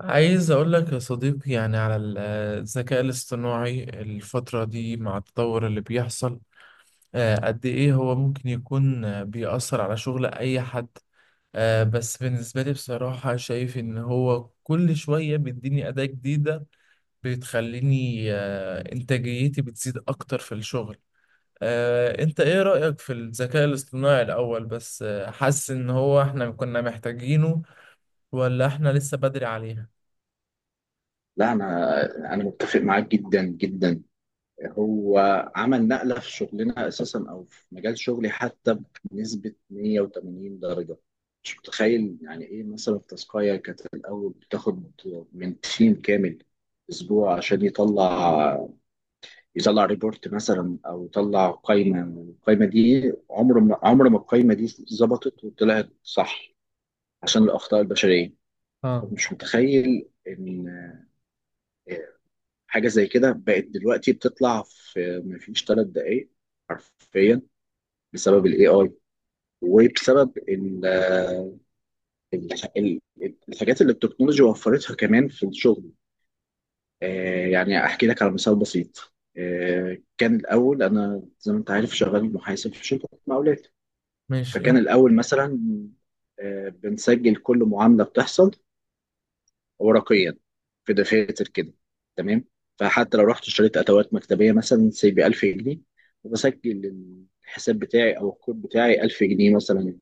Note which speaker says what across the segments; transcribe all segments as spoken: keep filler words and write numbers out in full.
Speaker 1: عايز أقول لك يا صديقي، يعني على ال- آه، الذكاء الاصطناعي الفترة دي مع التطور اللي بيحصل. آه، قد إيه هو ممكن يكون آه، بيأثر على شغل أي حد؟ آه، بس بالنسبة لي بصراحة شايف إن هو كل شوية بيديني أداة جديدة بتخليني آه، إنتاجيتي بتزيد أكتر في الشغل. آه، أنت إيه رأيك في الذكاء الاصطناعي الأول؟ بس آه، حاسس إن هو إحنا كنا محتاجينه ولا إحنا لسه بدري عليها؟
Speaker 2: لا، انا انا متفق معاك جدا جدا. هو عمل نقله في شغلنا اساسا او في مجال شغلي حتى بنسبه مية وتمانين درجه. مش متخيل يعني ايه، مثلا التاسكايه كانت الاول بتاخد من تيم كامل اسبوع عشان يطلع يطلع ريبورت مثلا، او يطلع قائمه. القائمه دي عمر ما، عمر ما القائمه دي ظبطت وطلعت صح، عشان الاخطاء البشريه.
Speaker 1: اه.
Speaker 2: مش متخيل ان حاجه زي كده بقت دلوقتي بتطلع في مفيش ثلاث دقائق، حرفيا، بسبب الاي اي، وبسبب ال- ال- ال- الحاجات اللي التكنولوجيا وفرتها كمان في الشغل. آه، يعني احكي لك على مثال بسيط. آه، كان الاول انا، زي ما انت عارف، شغال محاسب في شركه مقاولات.
Speaker 1: ماشي.
Speaker 2: فكان الاول مثلا آه، بنسجل كل معامله بتحصل ورقيا في دفاتر كده، تمام؟ فحتى لو رحت اشتريت ادوات مكتبيه مثلا سي ب ألف جنيه، وبسجل الحساب بتاعي او الكود بتاعي ألف جنيه مثلا،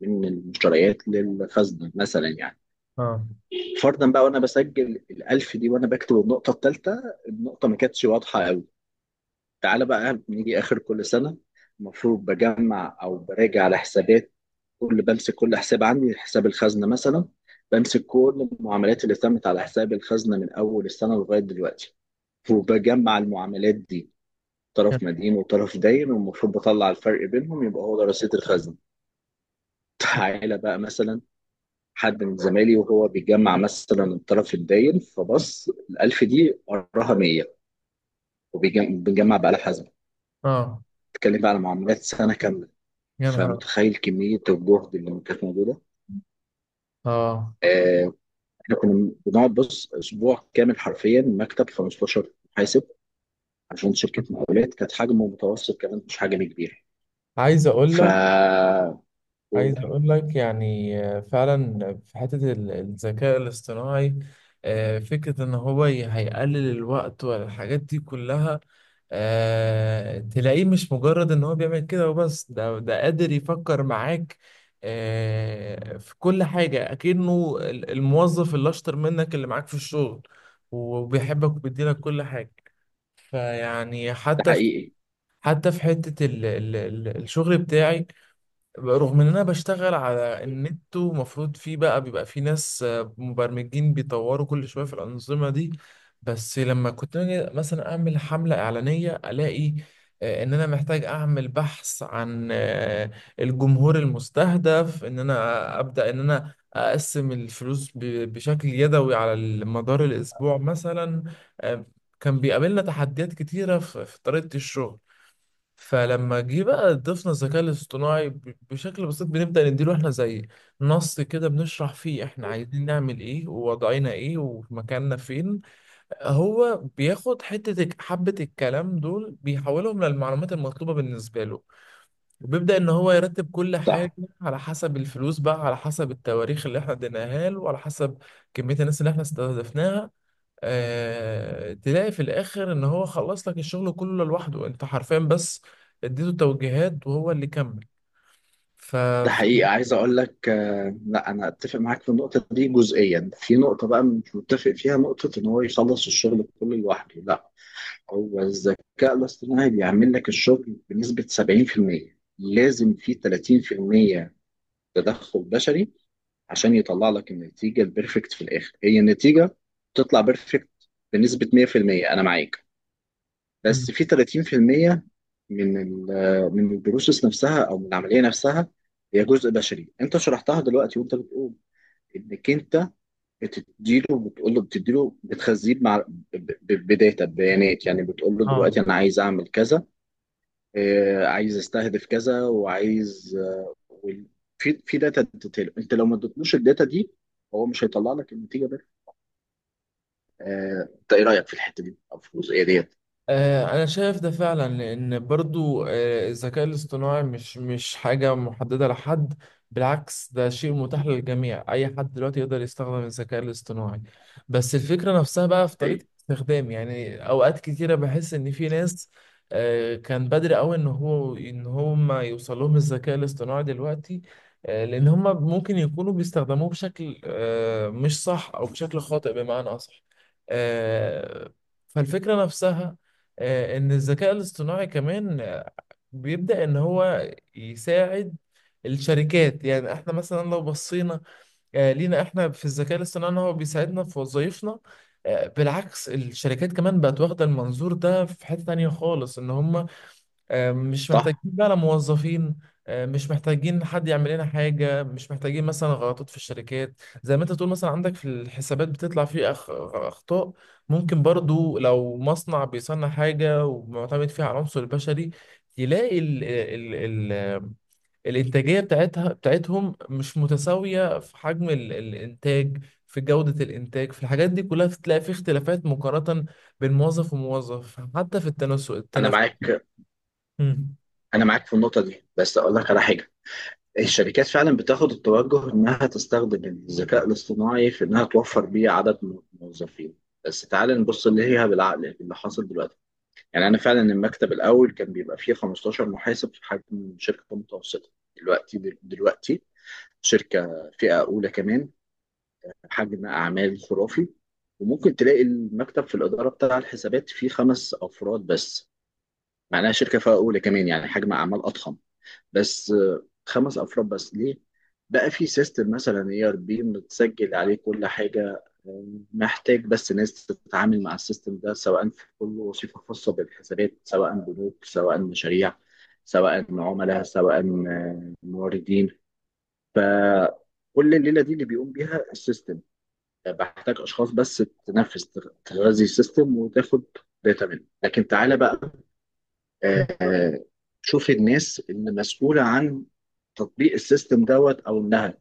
Speaker 2: من المشتريات للخزنه مثلا يعني.
Speaker 1: اه.
Speaker 2: فرضا بقى وانا بسجل ال ألف دي وانا بكتب النقطه الثالثه، النقطه ما كانتش واضحه قوي. تعالى بقى نيجي اخر كل سنه، المفروض بجمع او براجع على حسابات كل، بمسك كل حساب عندي، حساب الخزنة مثلا، بمسك كل المعاملات اللي تمت على حساب الخزنة من أول السنة لغاية دلوقتي، وبجمع المعاملات دي،
Speaker 1: يا-
Speaker 2: طرف مدين وطرف داين، والمفروض بطلع الفرق بينهم يبقى هو ده رصيد الخزنة. تعالى بقى مثلا حد من زمايلي وهو بيجمع مثلا الطرف الداين، فبص الألف دي وراها مية، وبنجمع بقى الحزمة.
Speaker 1: اه.
Speaker 2: تتكلم بقى على معاملات سنة كاملة.
Speaker 1: يا نهار.
Speaker 2: فمتخيل كمية الجهد اللي كانت موجودة.
Speaker 1: اه.
Speaker 2: آه، احنا كنا بنقعد بص اسبوع كامل حرفيا، مكتب خمستاشر محاسب، عشان شركه مقاولات كانت حجمه متوسط كمان، مش حجم كبير.
Speaker 1: عايز اقول
Speaker 2: ف
Speaker 1: لك عايز اقول لك، يعني آه، فعلا في حتة ال- الذكاء الاصطناعي. آه، فكرة ان هو ي- هيقلل الوقت والحاجات دي كلها. آه، تلاقيه مش مجرد ان هو بيعمل كده وبس، ده ده قادر يفكر معاك آه، في كل حاجة، اكنه ال- الموظف اللي اشطر منك اللي معاك في الشغل، وبيحبك وبيديلك كل حاجة. فيعني
Speaker 2: ده
Speaker 1: حتى
Speaker 2: حقيقي.
Speaker 1: حتى في حتة ال ال ال الشغل بتاعي، رغم ان انا بشتغل على النت ومفروض فيه بقى بيبقى فيه ناس آه، مبرمجين بيطوروا كل شوية في الأنظمة دي. بس لما كنت أجي مثلا اعمل حملة إعلانية، الاقي آه، ان انا محتاج اعمل بحث عن آه، الجمهور المستهدف، ان انا ابدأ ان انا اقسم الفلوس ب- بشكل يدوي على مدار الاسبوع مثلا. آه، كان بيقابلنا تحديات كتيرة في في طريقة الشغل. فلما جه بقى ضفنا الذكاء الاصطناعي ب- بشكل بسيط، بنبدأ نديله احنا زي نص كده بنشرح فيه احنا عايزين نعمل ايه، ووضعنا ايه، ومكاننا فين. هو بياخد حتة الك- حبة الكلام دول، بيحولهم للمعلومات المطلوبة بالنسبة له، وبيبدأ ان هو يرتب كل
Speaker 2: صح.
Speaker 1: حاجة على حسب الفلوس بقى، على حسب التواريخ اللي احنا اديناها له، وعلى حسب كمية الناس اللي احنا استهدفناها. آه، تلاقي في الاخر ان هو خلص لك الشغل كله لوحده، انت حرفيا بس اديته توجيهات وهو اللي كمل. ف
Speaker 2: ده
Speaker 1: ف-
Speaker 2: حقيقي. عايز اقول لك آه، لا، انا اتفق معاك في النقطه دي جزئيا، في نقطه بقى مش متفق فيها، نقطه ان هو يخلص الشغل كله لوحده، لا. هو الذكاء الاصطناعي بيعمل لك الشغل بنسبه سبعين في المية، لازم في تلاتين في المية تدخل بشري عشان يطلع لك النتيجة البيرفكت في الآخر، هي النتيجة تطلع بيرفكت بنسبة مية في المية. أنا معاك، بس
Speaker 1: مم.
Speaker 2: في تلاتين في المية من ال- من البروسيس نفسها، أو من العملية نفسها، هي جزء بشري. أنت شرحتها دلوقتي وأنت بتقول إنك أنت بتديله، بتقول له، بتديله، بتخزيه مع ب- ب- بداتا، ببيانات، يعني بتقول له دلوقتي
Speaker 1: اه.
Speaker 2: أنا عايز أعمل كذا، آه، عايز استهدف كذا، وعايز آه، وال- في في داتا بتتطلب. انت لو ما ادتلوش الداتا دي، هو مش هيطلع لك النتيجه ده. آه، انت ايه رايك في الحته دي او في الجزئيه ديت؟
Speaker 1: آه، انا شايف ده فعلا، لان برضو آه، الذكاء الاصطناعي مش مش حاجة محددة لحد، بالعكس ده شيء متاح للجميع، اي حد دلوقتي يقدر يستخدم الذكاء الاصطناعي. بس الفكرة نفسها بقى في طريقة
Speaker 2: إيه؟
Speaker 1: استخدام، يعني اوقات كتيرة بحس ان في ناس آه، كان بدري قوي ان هو ان هم يوصل لهم الذكاء الاصطناعي دلوقتي، آه، لان هم ممكن يكونوا بيستخدموه بشكل آه، مش صح او بشكل خاطئ بمعنى اصح. آه، فالفكرة نفسها آه، ان الذكاء الاصطناعي كمان آه، بيبدأ ان هو يساعد الشركات. يعني احنا مثلا لو بصينا آه، لينا احنا في الذكاء الاصطناعي ان هو بيساعدنا في وظائفنا، آه، بالعكس الشركات كمان بقت واخدة المنظور ده في حتة تانية خالص، ان هم آه، مش
Speaker 2: صح.
Speaker 1: محتاجين بقى لا موظفين، آه، مش محتاجين حد يعمل لنا حاجة. مش محتاجين مثلا غلطات في الشركات زي ما انت تقول، مثلا عندك في الحسابات بتطلع فيه أخ... أخطاء. ممكن برضو لو مصنع بيصنع حاجة ومعتمد فيها على العنصر البشري، يلاقي ال... ال... ال... ال- الإنتاجية بتاعتها بتاعتهم مش متساوية في حجم ال... الإنتاج، في جودة الإنتاج، في الحاجات دي كلها بتلاقي في اختلافات مقارنة بين موظف وموظف، حتى في التنس...
Speaker 2: انا
Speaker 1: التنفس.
Speaker 2: معاك.
Speaker 1: مم.
Speaker 2: انا معاك في النقطه دي، بس اقول لك على حاجه. الشركات فعلا بتاخد التوجه انها تستخدم الذكاء الاصطناعي في انها توفر بيه عدد من الموظفين. بس تعال نبص اللي هي بالعقل اللي حاصل دلوقتي. يعني انا فعلا المكتب الاول كان بيبقى فيه خمسة عشر محاسب في حجم شركه أمم متوسطه. دلوقتي، دلوقتي شركه فئه اولى كمان، حجم اعمال خرافي، وممكن تلاقي المكتب في الاداره بتاع الحسابات فيه خمس افراد بس. معناها شركه فئه اولى كمان يعني حجم اعمال اضخم، بس آه، خمس افراد بس، ليه؟ بقى في سيستم مثلا اي ار بي متسجل عليه كل حاجه. آه، محتاج بس ناس تتعامل مع السيستم ده، سواء في كل وظيفه خاصه بالحسابات، سواء بنوك، سواء مشاريع، سواء عملاء، سواء آه، موردين. فكل الليله دي اللي بيقوم بيها السيستم، بحتاج اشخاص بس تنفذ، تغذي السيستم وتاخد داتا منه. لكن تعالى بقى، آه، شوفي الناس اللي مسؤولة عن تطبيق السيستم دوت، أو إنها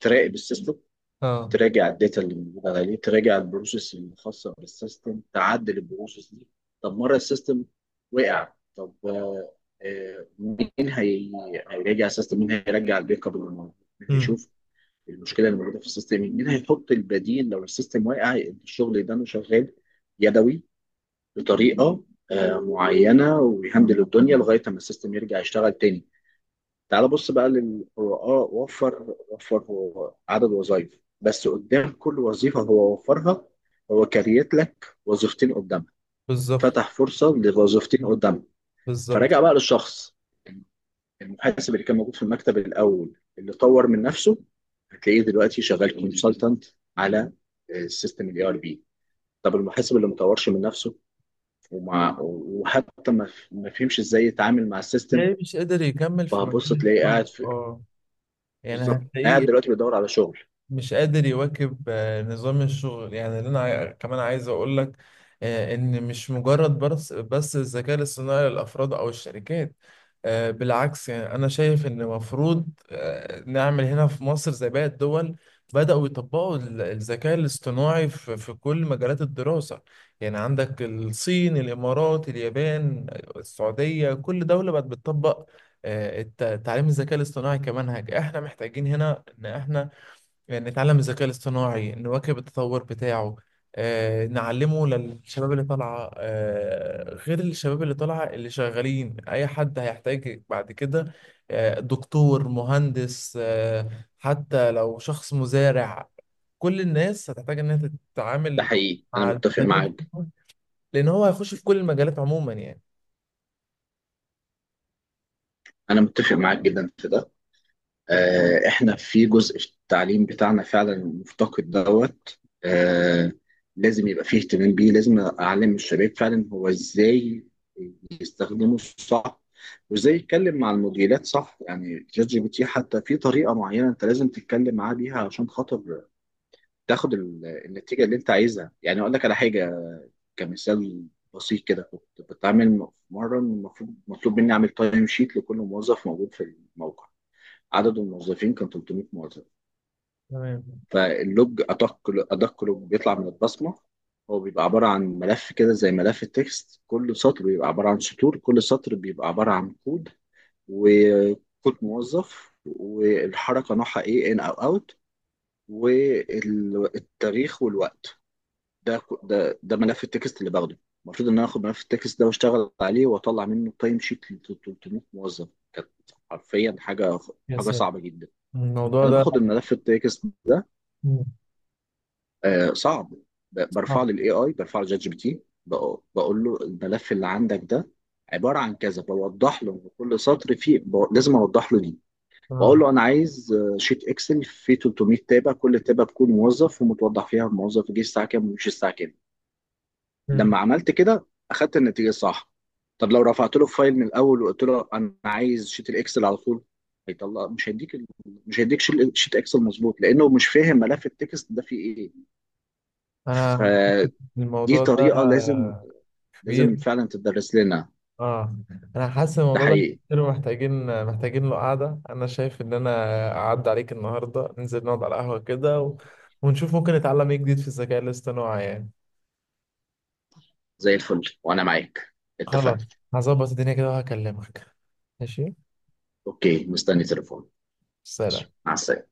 Speaker 2: تراقب السيستم،
Speaker 1: اه.
Speaker 2: تراجع الداتا اللي موجودة عليه، تراجع البروسيس الخاصة بالسيستم، تعدل البروسيس دي. طب مرة السيستم وقع، طب آه، آه، مين هي- هيراجع السيستم؟ مين هيرجع البيك اب اللي موجود؟ مين
Speaker 1: امم.
Speaker 2: هيشوف المشكلة اللي موجودة في السيستم؟ مين هيحط البديل لو السيستم واقع؟ الشغل ده أنا شغال يدوي بطريقه آه، معينه ويهندل الدنيا لغايه ما السيستم يرجع يشتغل تاني. تعال بص بقى للقراء، وفر، وفر عدد وظائف، بس قدام كل وظيفه هو وفرها، هو كريت لك وظيفتين قدامها،
Speaker 1: بالظبط.
Speaker 2: فتح فرصه لوظيفتين قدامها.
Speaker 1: بالظبط.
Speaker 2: فراجع بقى للشخص، المحاسب اللي كان موجود في المكتب الاول اللي طور من نفسه، هتلاقيه دلوقتي شغال كونسلتنت على السيستم الاي ار بي. طب المحاسب اللي ما طورش من نفسه، ومع وحتى ما ف- ما فهمش ازاي يتعامل مع السيستم،
Speaker 1: تلاقيه مش قادر يكمل في
Speaker 2: فهبص
Speaker 1: مجال
Speaker 2: تلاقيه
Speaker 1: الشغل،
Speaker 2: قاعد في،
Speaker 1: اه. يعني
Speaker 2: بالظبط، قاعد
Speaker 1: هتلاقيه
Speaker 2: دلوقتي بيدور على شغل.
Speaker 1: مش قادر يواكب آه، نظام الشغل. يعني اللي انا عاي- كمان عايز اقول لك آه، ان مش مجرد بس بس الذكاء الاصطناعي للافراد او الشركات. آه، بالعكس يعني انا شايف ان المفروض آه، نعمل هنا في مصر زي باقي الدول، بدأوا يطبقوا ال- الذكاء الاصطناعي في في كل مجالات الدراسة. يعني عندك الصين، الامارات، اليابان، السعودية، كل دولة بقت بتطبق آه، الت- تعليم الذكاء الاصطناعي كمنهج. احنا محتاجين هنا ان احنا يعني نتعلم الذكاء الاصطناعي، نواكب التطور بتاعه، آه، نعلمه للشباب اللي طالعة. آه، غير الشباب اللي طالعة، اللي شغالين أي حد هيحتاج بعد كده آه، دكتور، مهندس، آه، حتى لو شخص مزارع، كل الناس هتحتاج إنها
Speaker 2: ده
Speaker 1: تتعامل
Speaker 2: حقيقي. انا
Speaker 1: مع الذكاء
Speaker 2: متفق معاك
Speaker 1: الاصطناعي، لأن هو هيخش في كل المجالات عموما يعني.
Speaker 2: انا متفق معاك جدا في ده. آه، احنا في جزء في التعليم بتاعنا فعلا مفتقد دوت. آه، لازم يبقى فيه اهتمام بيه، لازم اعلم الشباب فعلا هو ازاي يستخدمه صح، وازاي يتكلم مع المديرات صح. يعني شات جي بي تي حتى في طريقه معينه انت لازم تتكلم معاه بيها عشان خاطر تاخد ال- النتيجه اللي انت عايزها. يعني اقول لك على حاجه، كمثال بسيط كده. كنت بتعامل م- مره، المفروض مطلوب مني اعمل تايم شيت لكل موظف موجود في الموقع. عدد الموظفين كان تلتمية موظف.
Speaker 1: تمام.
Speaker 2: فاللوج ادق، ادق لوج بيطلع من البصمه، هو بيبقى عباره عن ملف كده زي ملف التكست. كل سطر بيبقى عباره عن سطور، كل سطر بيبقى عباره عن كود وكود موظف والحركه نوعها ايه، ان او اوت، والتاريخ والوقت. ده ك- ده ده ملف التكست اللي باخده. المفروض ان انا اخد ملف التكست ده واشتغل عليه واطلع منه تايم شيت ل تلتمية موظف. كانت حرفيا حاجه،
Speaker 1: يا
Speaker 2: حاجه
Speaker 1: ساتر.
Speaker 2: صعبه جدا.
Speaker 1: الموضوع
Speaker 2: انا
Speaker 1: ده.
Speaker 2: باخد الملف التكست ده،
Speaker 1: مم.
Speaker 2: آه صعب، ب-
Speaker 1: صعب.
Speaker 2: برفعه للاي اي، برفعه لجات جي بي تي. بق- بقول له الملف اللي عندك ده عباره عن كذا، بوضح له إن كل سطر فيه ب- لازم اوضح له دي. واقول
Speaker 1: آه.
Speaker 2: له انا عايز آه، شيت اكسل فيه تلتمية تابع، كل تابع بكون موظف ومتوضح فيها الموظف جه الساعه كام ومشي الساعه كام.
Speaker 1: مم.
Speaker 2: لما عملت كده اخدت النتيجه الصح. طب لو رفعت له الفايل من الاول وقلت له انا عايز شيت الاكسل على طول، هيطلع مش هيديك ال- مش هيديك شيل- شيت اكسل مظبوط، لانه مش فاهم ملف التكست ده فيه ايه.
Speaker 1: أنا.
Speaker 2: فدي
Speaker 1: الموضوع ده
Speaker 2: طريقه لازم،
Speaker 1: كبير.
Speaker 2: لازم فعلا تدرس لنا.
Speaker 1: اه. انا حاسس إن
Speaker 2: ده
Speaker 1: الموضوع ده
Speaker 2: حقيقي.
Speaker 1: كتير، محتاجين محتاجين له قعده. انا شايف ان انا اعدي عليك النهارده، ننزل نقعد على القهوه كده، و... ونشوف ممكن نتعلم ايه جديد في الذكاء الاصطناعي يعني.
Speaker 2: زي الفل وانا معاك.
Speaker 1: خلاص.
Speaker 2: اتفقنا.
Speaker 1: هظبط الدنيا كده وهكلمك. ماشي.
Speaker 2: اوكي، مستني تليفون.
Speaker 1: سلام.
Speaker 2: مع السلامه.